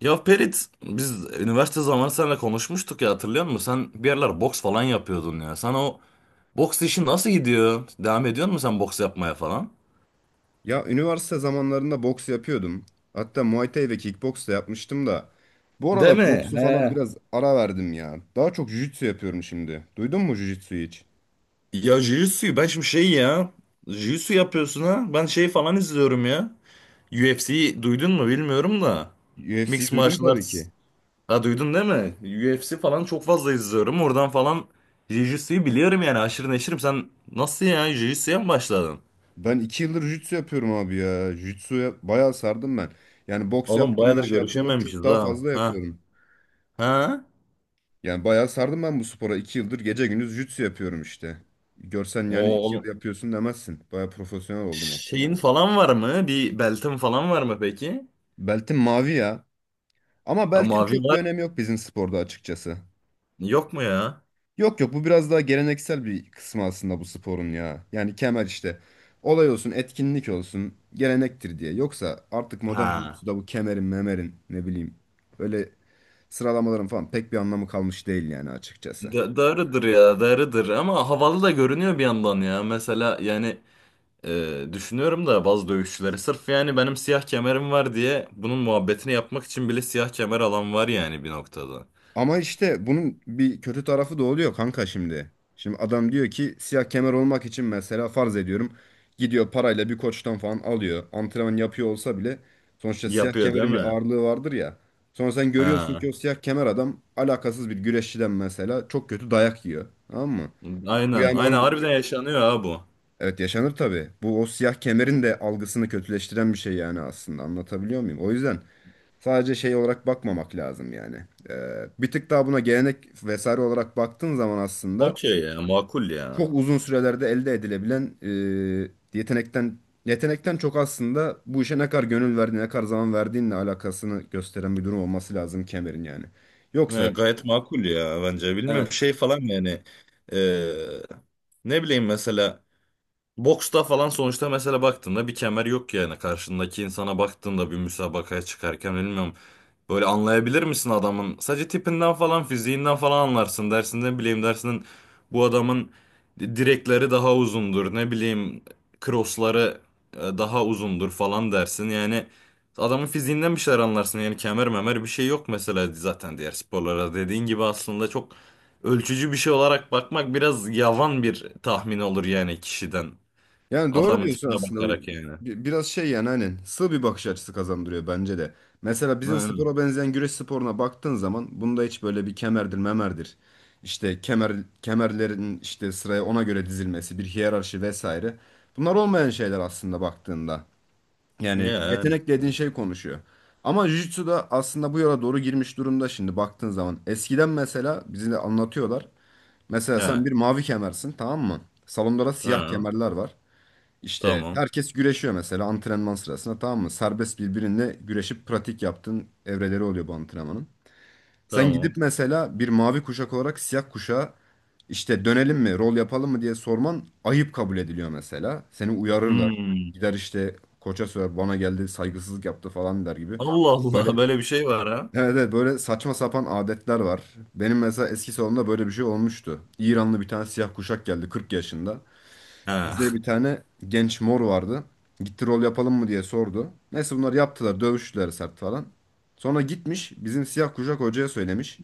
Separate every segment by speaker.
Speaker 1: Ya Perit biz üniversite zamanı seninle konuşmuştuk ya, hatırlıyor musun? Sen bir yerler boks falan yapıyordun ya. Sana o boks işi nasıl gidiyor? Devam ediyor musun sen boks yapmaya falan?
Speaker 2: Ya üniversite zamanlarında boks yapıyordum. Hatta Muay Thai ve kickboks da yapmıştım da. Bu
Speaker 1: Değil
Speaker 2: aralar
Speaker 1: mi?
Speaker 2: boksu falan
Speaker 1: He.
Speaker 2: biraz ara verdim ya. Daha çok jiu-jitsu yapıyorum şimdi. Duydun mu jiu-jitsu'yu hiç?
Speaker 1: Ya jiu-jitsu ben şimdi şey ya. Jiu-jitsu yapıyorsun ha. Ben şey falan izliyorum ya. UFC'yi duydun mu bilmiyorum da.
Speaker 2: UFC'yi
Speaker 1: Mixed
Speaker 2: duydum
Speaker 1: Martial
Speaker 2: tabii
Speaker 1: Arts.
Speaker 2: ki.
Speaker 1: Ha, duydun değil mi? UFC falan çok fazla izliyorum. Oradan falan jiu-jitsu'yu biliyorum yani, aşırı neşirim. Sen nasıl ya, jiu-jitsu'ya mı başladın?
Speaker 2: Ben 2 yıldır jiu-jitsu yapıyorum abi ya. Jiu-jitsu'ya bayağı sardım ben. Yani boks
Speaker 1: Oğlum
Speaker 2: yaptığımdan
Speaker 1: bayağıdır
Speaker 2: şey yaptığımdan
Speaker 1: görüşememişiz
Speaker 2: çok daha
Speaker 1: ha.
Speaker 2: fazla
Speaker 1: Ha.
Speaker 2: yapıyorum.
Speaker 1: Ha?
Speaker 2: Yani bayağı sardım ben bu spora. 2 yıldır gece gündüz jiu-jitsu yapıyorum işte. Görsen
Speaker 1: O
Speaker 2: yani iki yıl
Speaker 1: oğlum
Speaker 2: yapıyorsun demezsin. Bayağı profesyonel oldum aslında.
Speaker 1: şeyin falan var mı? Bir beltin falan var mı peki?
Speaker 2: Beltim mavi ya. Ama
Speaker 1: Ha,
Speaker 2: beltin
Speaker 1: mavi
Speaker 2: çok bir
Speaker 1: var.
Speaker 2: önemi yok bizim sporda açıkçası.
Speaker 1: Yok mu ya?
Speaker 2: Yok, yok, bu biraz daha geleneksel bir kısmı aslında bu sporun ya. Yani kemer işte. Olay olsun, etkinlik olsun, gelenektir diye. Yoksa artık modern
Speaker 1: Ha.
Speaker 2: jiu-jitsu'da bu kemerin, memerin ne bileyim böyle sıralamaların falan pek bir anlamı kalmış değil yani açıkçası.
Speaker 1: Da darıdır ya, darıdır ama havalı da görünüyor bir yandan ya. Mesela yani düşünüyorum da bazı dövüşçüleri sırf yani benim siyah kemerim var diye bunun muhabbetini yapmak için bile siyah kemer alan var yani bir noktada.
Speaker 2: Ama işte bunun bir kötü tarafı da oluyor kanka şimdi. Şimdi adam diyor ki siyah kemer olmak için mesela farz ediyorum gidiyor parayla bir koçtan falan alıyor. Antrenman yapıyor olsa bile sonuçta siyah
Speaker 1: Yapıyor değil
Speaker 2: kemerin bir
Speaker 1: mi?
Speaker 2: ağırlığı vardır ya. Sonra sen görüyorsun
Speaker 1: Ha.
Speaker 2: ki o siyah kemer adam alakasız bir güreşçiden mesela çok kötü dayak yiyor. Tamam mı? Bu
Speaker 1: Aynen.
Speaker 2: yani
Speaker 1: Aynen
Speaker 2: onun,
Speaker 1: harbiden yaşanıyor ha bu.
Speaker 2: evet, yaşanır tabii. Bu o siyah kemerin de algısını kötüleştiren bir şey yani aslında anlatabiliyor muyum? O yüzden sadece şey olarak bakmamak lazım yani. Bir tık daha buna gelenek vesaire olarak baktığın zaman aslında
Speaker 1: Okey ya, makul ya.
Speaker 2: çok uzun sürelerde elde edilebilen e, yetenekten yetenekten çok aslında bu işe ne kadar gönül verdiğin, ne kadar zaman verdiğinle alakasını gösteren bir durum olması lazım kemerin yani.
Speaker 1: E,
Speaker 2: Yoksa.
Speaker 1: gayet makul ya bence. Bilmiyorum
Speaker 2: Evet.
Speaker 1: şey falan yani, e, ne bileyim mesela boksta falan sonuçta mesela baktığında bir kemer yok yani, karşındaki insana baktığında bir müsabakaya çıkarken bilmiyorum. Böyle anlayabilir misin adamın? Sadece tipinden falan, fiziğinden falan anlarsın. Dersinden bileyim dersinden bu adamın direkleri daha uzundur. Ne bileyim, crossları daha uzundur falan dersin. Yani adamın fiziğinden bir şeyler anlarsın. Yani kemer memer bir şey yok mesela zaten diğer sporlara. Dediğin gibi aslında çok ölçücü bir şey olarak bakmak biraz yavan bir tahmin olur yani, kişiden.
Speaker 2: Yani doğru
Speaker 1: Adamın
Speaker 2: diyorsun
Speaker 1: tipine
Speaker 2: aslında. Bu
Speaker 1: bakarak yani.
Speaker 2: biraz şey yani hani sığ bir bakış açısı kazandırıyor bence de. Mesela bizim
Speaker 1: Yani.
Speaker 2: spora benzeyen güreş sporuna baktığın zaman bunda hiç böyle bir kemerdir, memerdir. İşte kemerlerin işte sıraya ona göre dizilmesi, bir hiyerarşi vesaire. Bunlar olmayan şeyler aslında baktığında. Yani
Speaker 1: Yani.
Speaker 2: yetenek dediğin şey konuşuyor. Ama Jiu-Jitsu da aslında bu yola doğru girmiş durumda şimdi baktığın zaman. Eskiden mesela bize de anlatıyorlar. Mesela sen
Speaker 1: Ya.
Speaker 2: bir mavi kemersin, tamam mı? Salonda da siyah
Speaker 1: Tamam.
Speaker 2: kemerler var. İşte
Speaker 1: Tamam.
Speaker 2: herkes güreşiyor mesela antrenman sırasında, tamam mı? Serbest birbirinle güreşip pratik yaptığın evreleri oluyor bu antrenmanın. Sen gidip
Speaker 1: Tamam.
Speaker 2: mesela bir mavi kuşak olarak siyah kuşağa işte dönelim mi, rol yapalım mı diye sorman ayıp kabul ediliyor mesela. Seni uyarırlar.
Speaker 1: Hmm.
Speaker 2: Gider işte koça söyler bana geldi saygısızlık yaptı falan der gibi.
Speaker 1: Allah
Speaker 2: Böyle,
Speaker 1: Allah, böyle bir şey var ha.
Speaker 2: evet, evet, böyle saçma sapan adetler var. Benim mesela eski salonumda böyle bir şey olmuştu. İranlı bir tane siyah kuşak geldi 40 yaşında. Bize
Speaker 1: Ha,
Speaker 2: bir tane genç mor vardı. Gitti rol yapalım mı diye sordu. Neyse bunlar yaptılar. Dövüştüler sert falan. Sonra gitmiş bizim siyah kuşak hocaya söylemiş.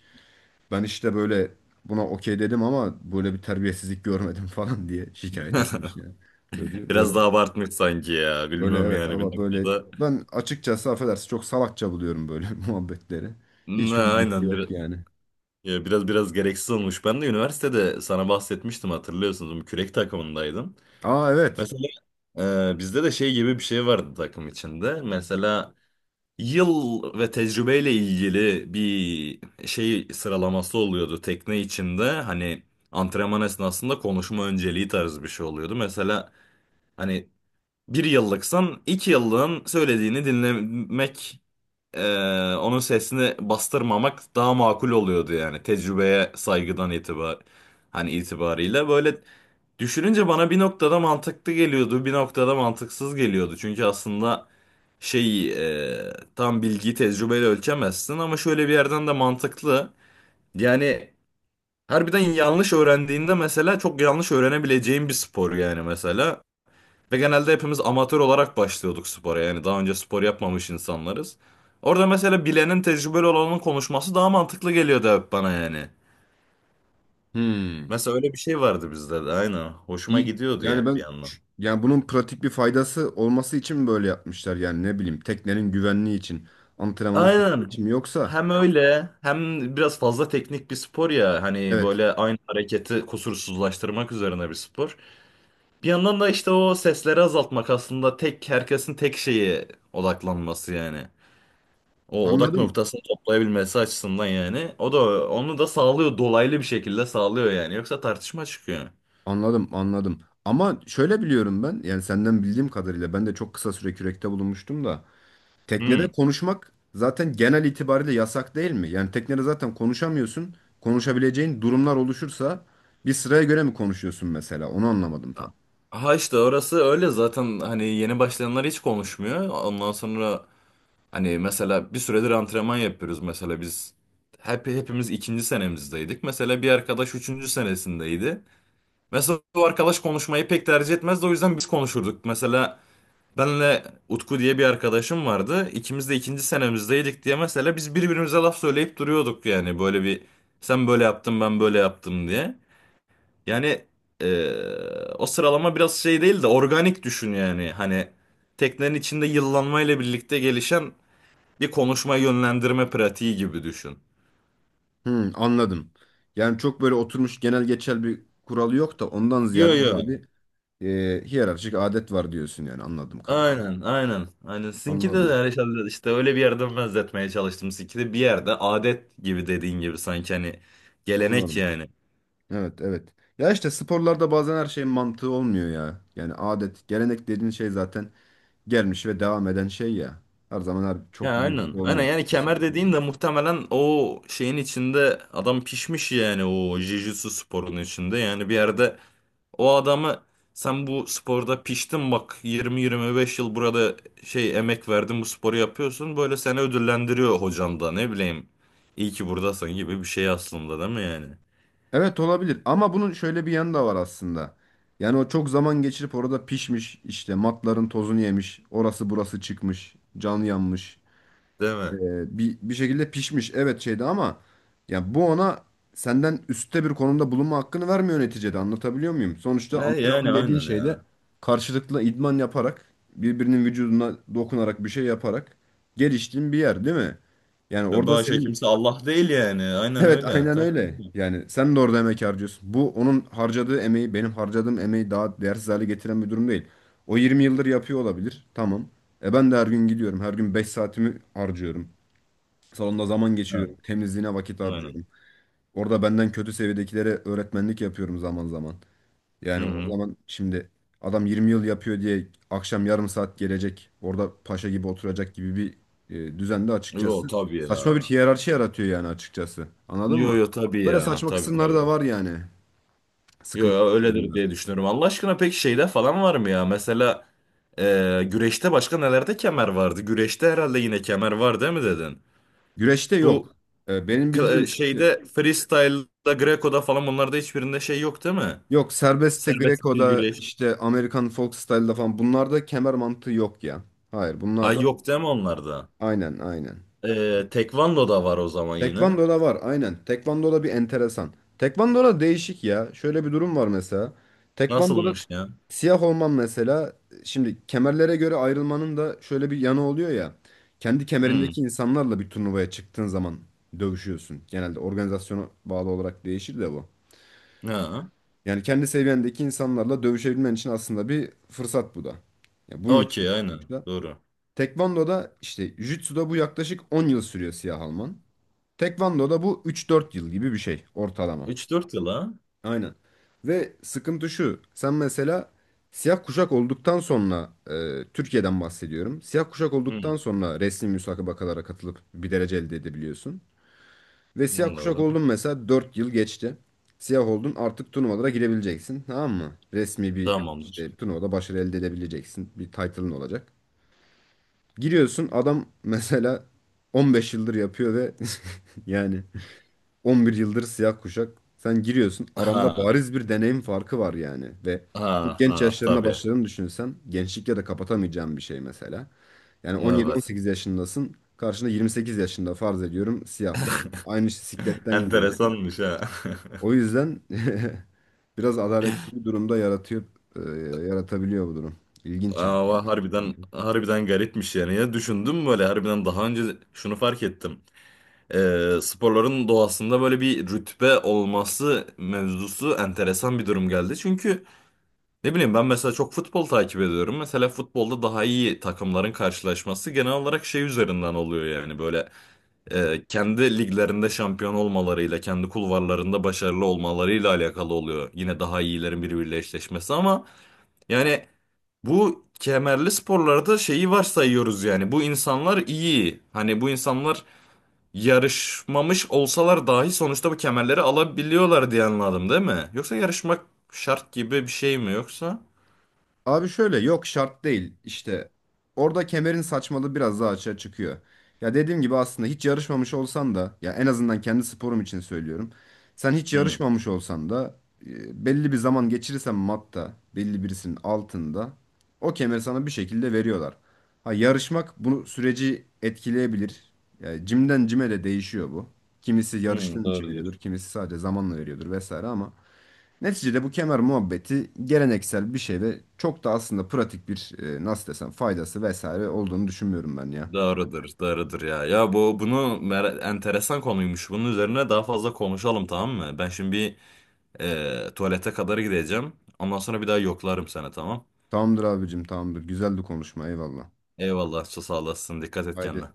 Speaker 2: Ben işte böyle buna okey dedim ama böyle bir terbiyesizlik görmedim falan diye şikayet etmiş ya. Çocuğu böyle
Speaker 1: biraz daha abartmış sanki ya.
Speaker 2: böyle
Speaker 1: Bilmiyorum
Speaker 2: evet
Speaker 1: yani, bir
Speaker 2: ama böyle
Speaker 1: noktada.
Speaker 2: ben açıkçası affedersin çok salakça buluyorum böyle muhabbetleri.
Speaker 1: Ne,
Speaker 2: Hiçbir mantığı
Speaker 1: aynen biraz,
Speaker 2: yok yani.
Speaker 1: ya biraz biraz gereksiz olmuş. Ben de üniversitede sana bahsetmiştim, hatırlıyorsunuz. Bu Kürek takımındaydım.
Speaker 2: Aa, evet.
Speaker 1: Mesela bizde de şey gibi bir şey vardı takım içinde. Mesela yıl ve tecrübeyle ilgili bir şey sıralaması oluyordu tekne içinde. Hani antrenman esnasında konuşma önceliği tarzı bir şey oluyordu. Mesela hani bir yıllıksan iki yıllığın söylediğini dinlemek, onun sesini bastırmamak daha makul oluyordu yani, tecrübeye saygıdan itibar, hani itibariyle. Böyle düşününce bana bir noktada mantıklı geliyordu, bir noktada mantıksız geliyordu çünkü aslında şey, tam bilgiyi tecrübeyle ölçemezsin ama şöyle bir yerden de mantıklı. Yani harbiden yanlış öğrendiğinde mesela çok yanlış öğrenebileceğin bir spor yani mesela, ve genelde hepimiz amatör olarak başlıyorduk spora. Yani daha önce spor yapmamış insanlarız. Orada mesela bilenin, tecrübeli olanın konuşması daha mantıklı geliyordu hep bana yani.
Speaker 2: Hmm.
Speaker 1: Mesela öyle bir şey vardı bizde de aynen. Hoşuma
Speaker 2: İyi.
Speaker 1: gidiyordu yani
Speaker 2: Yani
Speaker 1: bir
Speaker 2: ben,
Speaker 1: yandan.
Speaker 2: yani bunun pratik bir faydası olması için böyle yapmışlar yani ne bileyim teknenin güvenliği için antrenmanın sağlığı
Speaker 1: Aynen.
Speaker 2: için mi yoksa?
Speaker 1: Hem öyle hem biraz fazla teknik bir spor ya. Hani
Speaker 2: Evet,
Speaker 1: böyle aynı hareketi kusursuzlaştırmak üzerine bir spor. Bir yandan da işte o sesleri azaltmak aslında tek, herkesin tek şeyi odaklanması yani. O odak
Speaker 2: anladım,
Speaker 1: noktasını toplayabilmesi açısından yani. O da onu da sağlıyor. Dolaylı bir şekilde sağlıyor yani. Yoksa tartışma çıkıyor.
Speaker 2: anladım, anladım, ama şöyle biliyorum ben yani senden bildiğim kadarıyla ben de çok kısa süre kürekte bulunmuştum da teknede
Speaker 1: Hmm.
Speaker 2: konuşmak zaten genel itibariyle yasak değil mi? Yani teknede zaten konuşamıyorsun, konuşabileceğin durumlar oluşursa bir sıraya göre mi konuşuyorsun mesela onu anlamadım tam.
Speaker 1: Ha işte orası öyle zaten, hani yeni başlayanlar hiç konuşmuyor. Ondan sonra hani mesela bir süredir antrenman yapıyoruz mesela biz. Hepimiz ikinci senemizdeydik. Mesela bir arkadaş üçüncü senesindeydi. Mesela bu arkadaş konuşmayı pek tercih etmezdi, o yüzden biz konuşurduk. Mesela benle Utku diye bir arkadaşım vardı. İkimiz de ikinci senemizdeydik diye mesela biz birbirimize laf söyleyip duruyorduk yani, böyle bir sen böyle yaptın ben böyle yaptım diye. Yani o sıralama biraz şey değil de organik düşün yani, hani teknenin içinde yıllanmayla birlikte gelişen bir konuşma yönlendirme pratiği gibi düşün.
Speaker 2: Hmm, anladım. Yani çok böyle oturmuş genel geçer bir kuralı yok da ondan ziyade
Speaker 1: Yo
Speaker 2: böyle
Speaker 1: yo.
Speaker 2: bir hiyerarşik adet var diyorsun yani anladım kadarıyla.
Speaker 1: Aynen aynen. Aynen. Sizinki de
Speaker 2: Anladım.
Speaker 1: herhalde işte öyle bir yerden benzetmeye çalıştım. Sizinki de bir yerde adet gibi, dediğin gibi, sanki hani gelenek
Speaker 2: Anladım.
Speaker 1: yani.
Speaker 2: Evet, evet. Ya işte sporlarda bazen her şeyin mantığı olmuyor ya. Yani adet, gelenek dediğin şey zaten gelmiş ve devam eden şey ya. Her zaman her çok
Speaker 1: Ya
Speaker 2: bir
Speaker 1: aynen.
Speaker 2: mantığı
Speaker 1: Aynen
Speaker 2: olmuyor.
Speaker 1: yani kemer dediğin de muhtemelen o şeyin içinde adam pişmiş yani, o jiu-jitsu sporunun içinde. Yani bir yerde o adamı, sen bu sporda piştin bak 20-25 yıl burada şey emek verdin, bu sporu yapıyorsun. Böyle seni ödüllendiriyor hocan da, ne bileyim. İyi ki buradasın gibi bir şey aslında, değil mi yani?
Speaker 2: Evet olabilir ama bunun şöyle bir yanı da var aslında. Yani o çok zaman geçirip orada pişmiş işte matların tozunu yemiş orası burası çıkmış can yanmış.
Speaker 1: Değil mi?
Speaker 2: Bir şekilde pişmiş, evet, şeydi ama ya bu ona senden üstte bir konumda bulunma hakkını vermiyor neticede anlatabiliyor muyum? Sonuçta
Speaker 1: E yani
Speaker 2: antrenman dediğin
Speaker 1: aynen
Speaker 2: şeyde
Speaker 1: ya.
Speaker 2: karşılıklı idman yaparak birbirinin vücuduna dokunarak bir şey yaparak geliştiğin bir yer değil mi? Yani
Speaker 1: Ve
Speaker 2: orada
Speaker 1: başka
Speaker 2: senin.
Speaker 1: kimse Allah değil yani. Aynen öyle.
Speaker 2: Evet, aynen
Speaker 1: Tabii,
Speaker 2: öyle.
Speaker 1: tabii.
Speaker 2: Yani sen de orada emek harcıyorsun. Bu onun harcadığı emeği benim harcadığım emeği daha değersiz hale getiren bir durum değil. O 20 yıldır yapıyor olabilir. Tamam. E ben de her gün gidiyorum. Her gün 5 saatimi harcıyorum. Salonda zaman
Speaker 1: Ha,
Speaker 2: geçiriyorum. Temizliğine vakit
Speaker 1: aynen.
Speaker 2: harcıyorum. Orada benden kötü seviyedekilere öğretmenlik yapıyorum zaman zaman.
Speaker 1: Hı
Speaker 2: Yani o
Speaker 1: hı.
Speaker 2: zaman şimdi adam 20 yıl yapıyor diye akşam yarım saat gelecek orada paşa gibi oturacak gibi bir düzende
Speaker 1: Yo
Speaker 2: açıkçası
Speaker 1: tabii
Speaker 2: saçma bir
Speaker 1: ya.
Speaker 2: hiyerarşi yaratıyor yani açıkçası. Anladın
Speaker 1: Yo
Speaker 2: mı?
Speaker 1: yo tabii
Speaker 2: Böyle
Speaker 1: ya.
Speaker 2: saçma
Speaker 1: Tabii
Speaker 2: kısımları da
Speaker 1: tabii.
Speaker 2: var yani.
Speaker 1: Yo
Speaker 2: Sıkıntı.
Speaker 1: yo öyledir diye düşünüyorum. Allah aşkına, peki şeyde falan var mı ya? Mesela güreşte başka nelerde kemer vardı? Güreşte herhalde yine kemer var, değil mi dedin?
Speaker 2: Güreşte yok.
Speaker 1: Bu
Speaker 2: Benim bildiğim işte
Speaker 1: şeyde freestyle'da, Greco'da falan, onlarda hiçbirinde şey yok değil mi?
Speaker 2: yok serbestte
Speaker 1: Serbest stil
Speaker 2: Greco'da
Speaker 1: güreş.
Speaker 2: işte Amerikan folk style'da falan bunlarda kemer mantığı yok ya. Hayır
Speaker 1: Ay
Speaker 2: bunlarda
Speaker 1: yok değil mi onlarda?
Speaker 2: aynen, aynen.
Speaker 1: E, Tekvando'da var o zaman yine.
Speaker 2: Tekvando'da var, aynen. Tekvando'da bir enteresan. Tekvando'da değişik ya. Şöyle bir durum var mesela. Tekvando'da
Speaker 1: Nasılmış ya?
Speaker 2: siyah olman mesela şimdi kemerlere göre ayrılmanın da şöyle bir yanı oluyor ya. Kendi
Speaker 1: Hmm.
Speaker 2: kemerindeki insanlarla bir turnuvaya çıktığın zaman dövüşüyorsun. Genelde organizasyona bağlı olarak değişir de bu.
Speaker 1: Ha.
Speaker 2: Yani kendi seviyendeki insanlarla dövüşebilmen için aslında bir fırsat bu da. Ya bunun için
Speaker 1: Okey
Speaker 2: yapılmış
Speaker 1: aynen.
Speaker 2: da.
Speaker 1: Doğru.
Speaker 2: Tekvando'da işte Jitsu'da bu yaklaşık 10 yıl sürüyor siyah alman. Tekvando'da bu 3-4 yıl gibi bir şey ortalama.
Speaker 1: Üç dört yıl ha?
Speaker 2: Aynen. Ve sıkıntı şu. Sen mesela siyah kuşak olduktan sonra Türkiye'den bahsediyorum. Siyah kuşak
Speaker 1: Hmm.
Speaker 2: olduktan sonra resmi müsabakalara katılıp bir derece elde edebiliyorsun. Ve siyah kuşak
Speaker 1: Anladım.
Speaker 2: oldun mesela 4 yıl geçti. Siyah oldun artık turnuvalara girebileceksin. Tamam mı? Resmi bir
Speaker 1: Tamamdır.
Speaker 2: işte turnuvada başarı elde edebileceksin. Bir title'ın olacak. Giriyorsun adam mesela 15 yıldır yapıyor ve yani 11 yıldır siyah kuşak. Sen giriyorsun. Aranda
Speaker 1: Ha.
Speaker 2: bariz bir deneyim farkı var yani. Ve çok
Speaker 1: Ha
Speaker 2: genç
Speaker 1: ha
Speaker 2: yaşlarına
Speaker 1: tabii.
Speaker 2: başladığını düşünürsen gençlikle de kapatamayacağın bir şey mesela. Yani
Speaker 1: Evet.
Speaker 2: 17-18 yaşındasın. Karşında 28 yaşında farz ediyorum siyah var. Aynı sikletten gidiyorsun.
Speaker 1: Enteresanmış ha.
Speaker 2: O yüzden biraz adaletsiz bir durumda yaratıyor, e, yaratabiliyor bu durum. İlginç yani.
Speaker 1: Ama harbiden harbiden garipmiş yani. Ya düşündüm böyle, harbiden daha önce şunu fark ettim. Sporların doğasında böyle bir rütbe olması mevzusu enteresan bir durum geldi. Çünkü ne bileyim, ben mesela çok futbol takip ediyorum. Mesela futbolda daha iyi takımların karşılaşması genel olarak şey üzerinden oluyor yani, böyle kendi liglerinde şampiyon olmalarıyla, kendi kulvarlarında başarılı olmalarıyla alakalı oluyor. Yine daha iyilerin birbiriyle eşleşmesi, ama yani bu kemerli sporlarda şeyi varsayıyoruz yani. Bu insanlar iyi. Hani bu insanlar yarışmamış olsalar dahi sonuçta bu kemerleri alabiliyorlar diye anladım değil mi? Yoksa yarışmak şart gibi bir şey mi yoksa?
Speaker 2: Abi şöyle yok şart değil işte orada kemerin saçmalığı biraz daha açığa çıkıyor. Ya dediğim gibi aslında hiç yarışmamış olsan da ya en azından kendi sporum için söylüyorum. Sen hiç
Speaker 1: Hı,
Speaker 2: yarışmamış olsan da belli bir zaman geçirirsen matta belli birisinin altında o kemeri sana bir şekilde veriyorlar. Ha yarışmak bu süreci etkileyebilir. Yani cimden cime de değişiyor bu. Kimisi
Speaker 1: hı,
Speaker 2: yarıştığın için
Speaker 1: doğru.
Speaker 2: veriyordur, kimisi sadece zamanla veriyordur vesaire ama. Neticede bu kemer muhabbeti geleneksel bir şey ve çok da aslında pratik bir nasıl desem faydası vesaire olduğunu düşünmüyorum ben ya.
Speaker 1: Doğrudur, doğrudur ya. Ya bu bunu enteresan konuymuş. Bunun üzerine daha fazla konuşalım, tamam mı? Ben şimdi bir tuvalete kadar gideceğim. Ondan sonra bir daha yoklarım seni, tamam.
Speaker 2: Tamamdır abicim, tamamdır. Güzeldi konuşma, eyvallah.
Speaker 1: Eyvallah, sağ olasın. Dikkat et
Speaker 2: Haydi.
Speaker 1: kendine.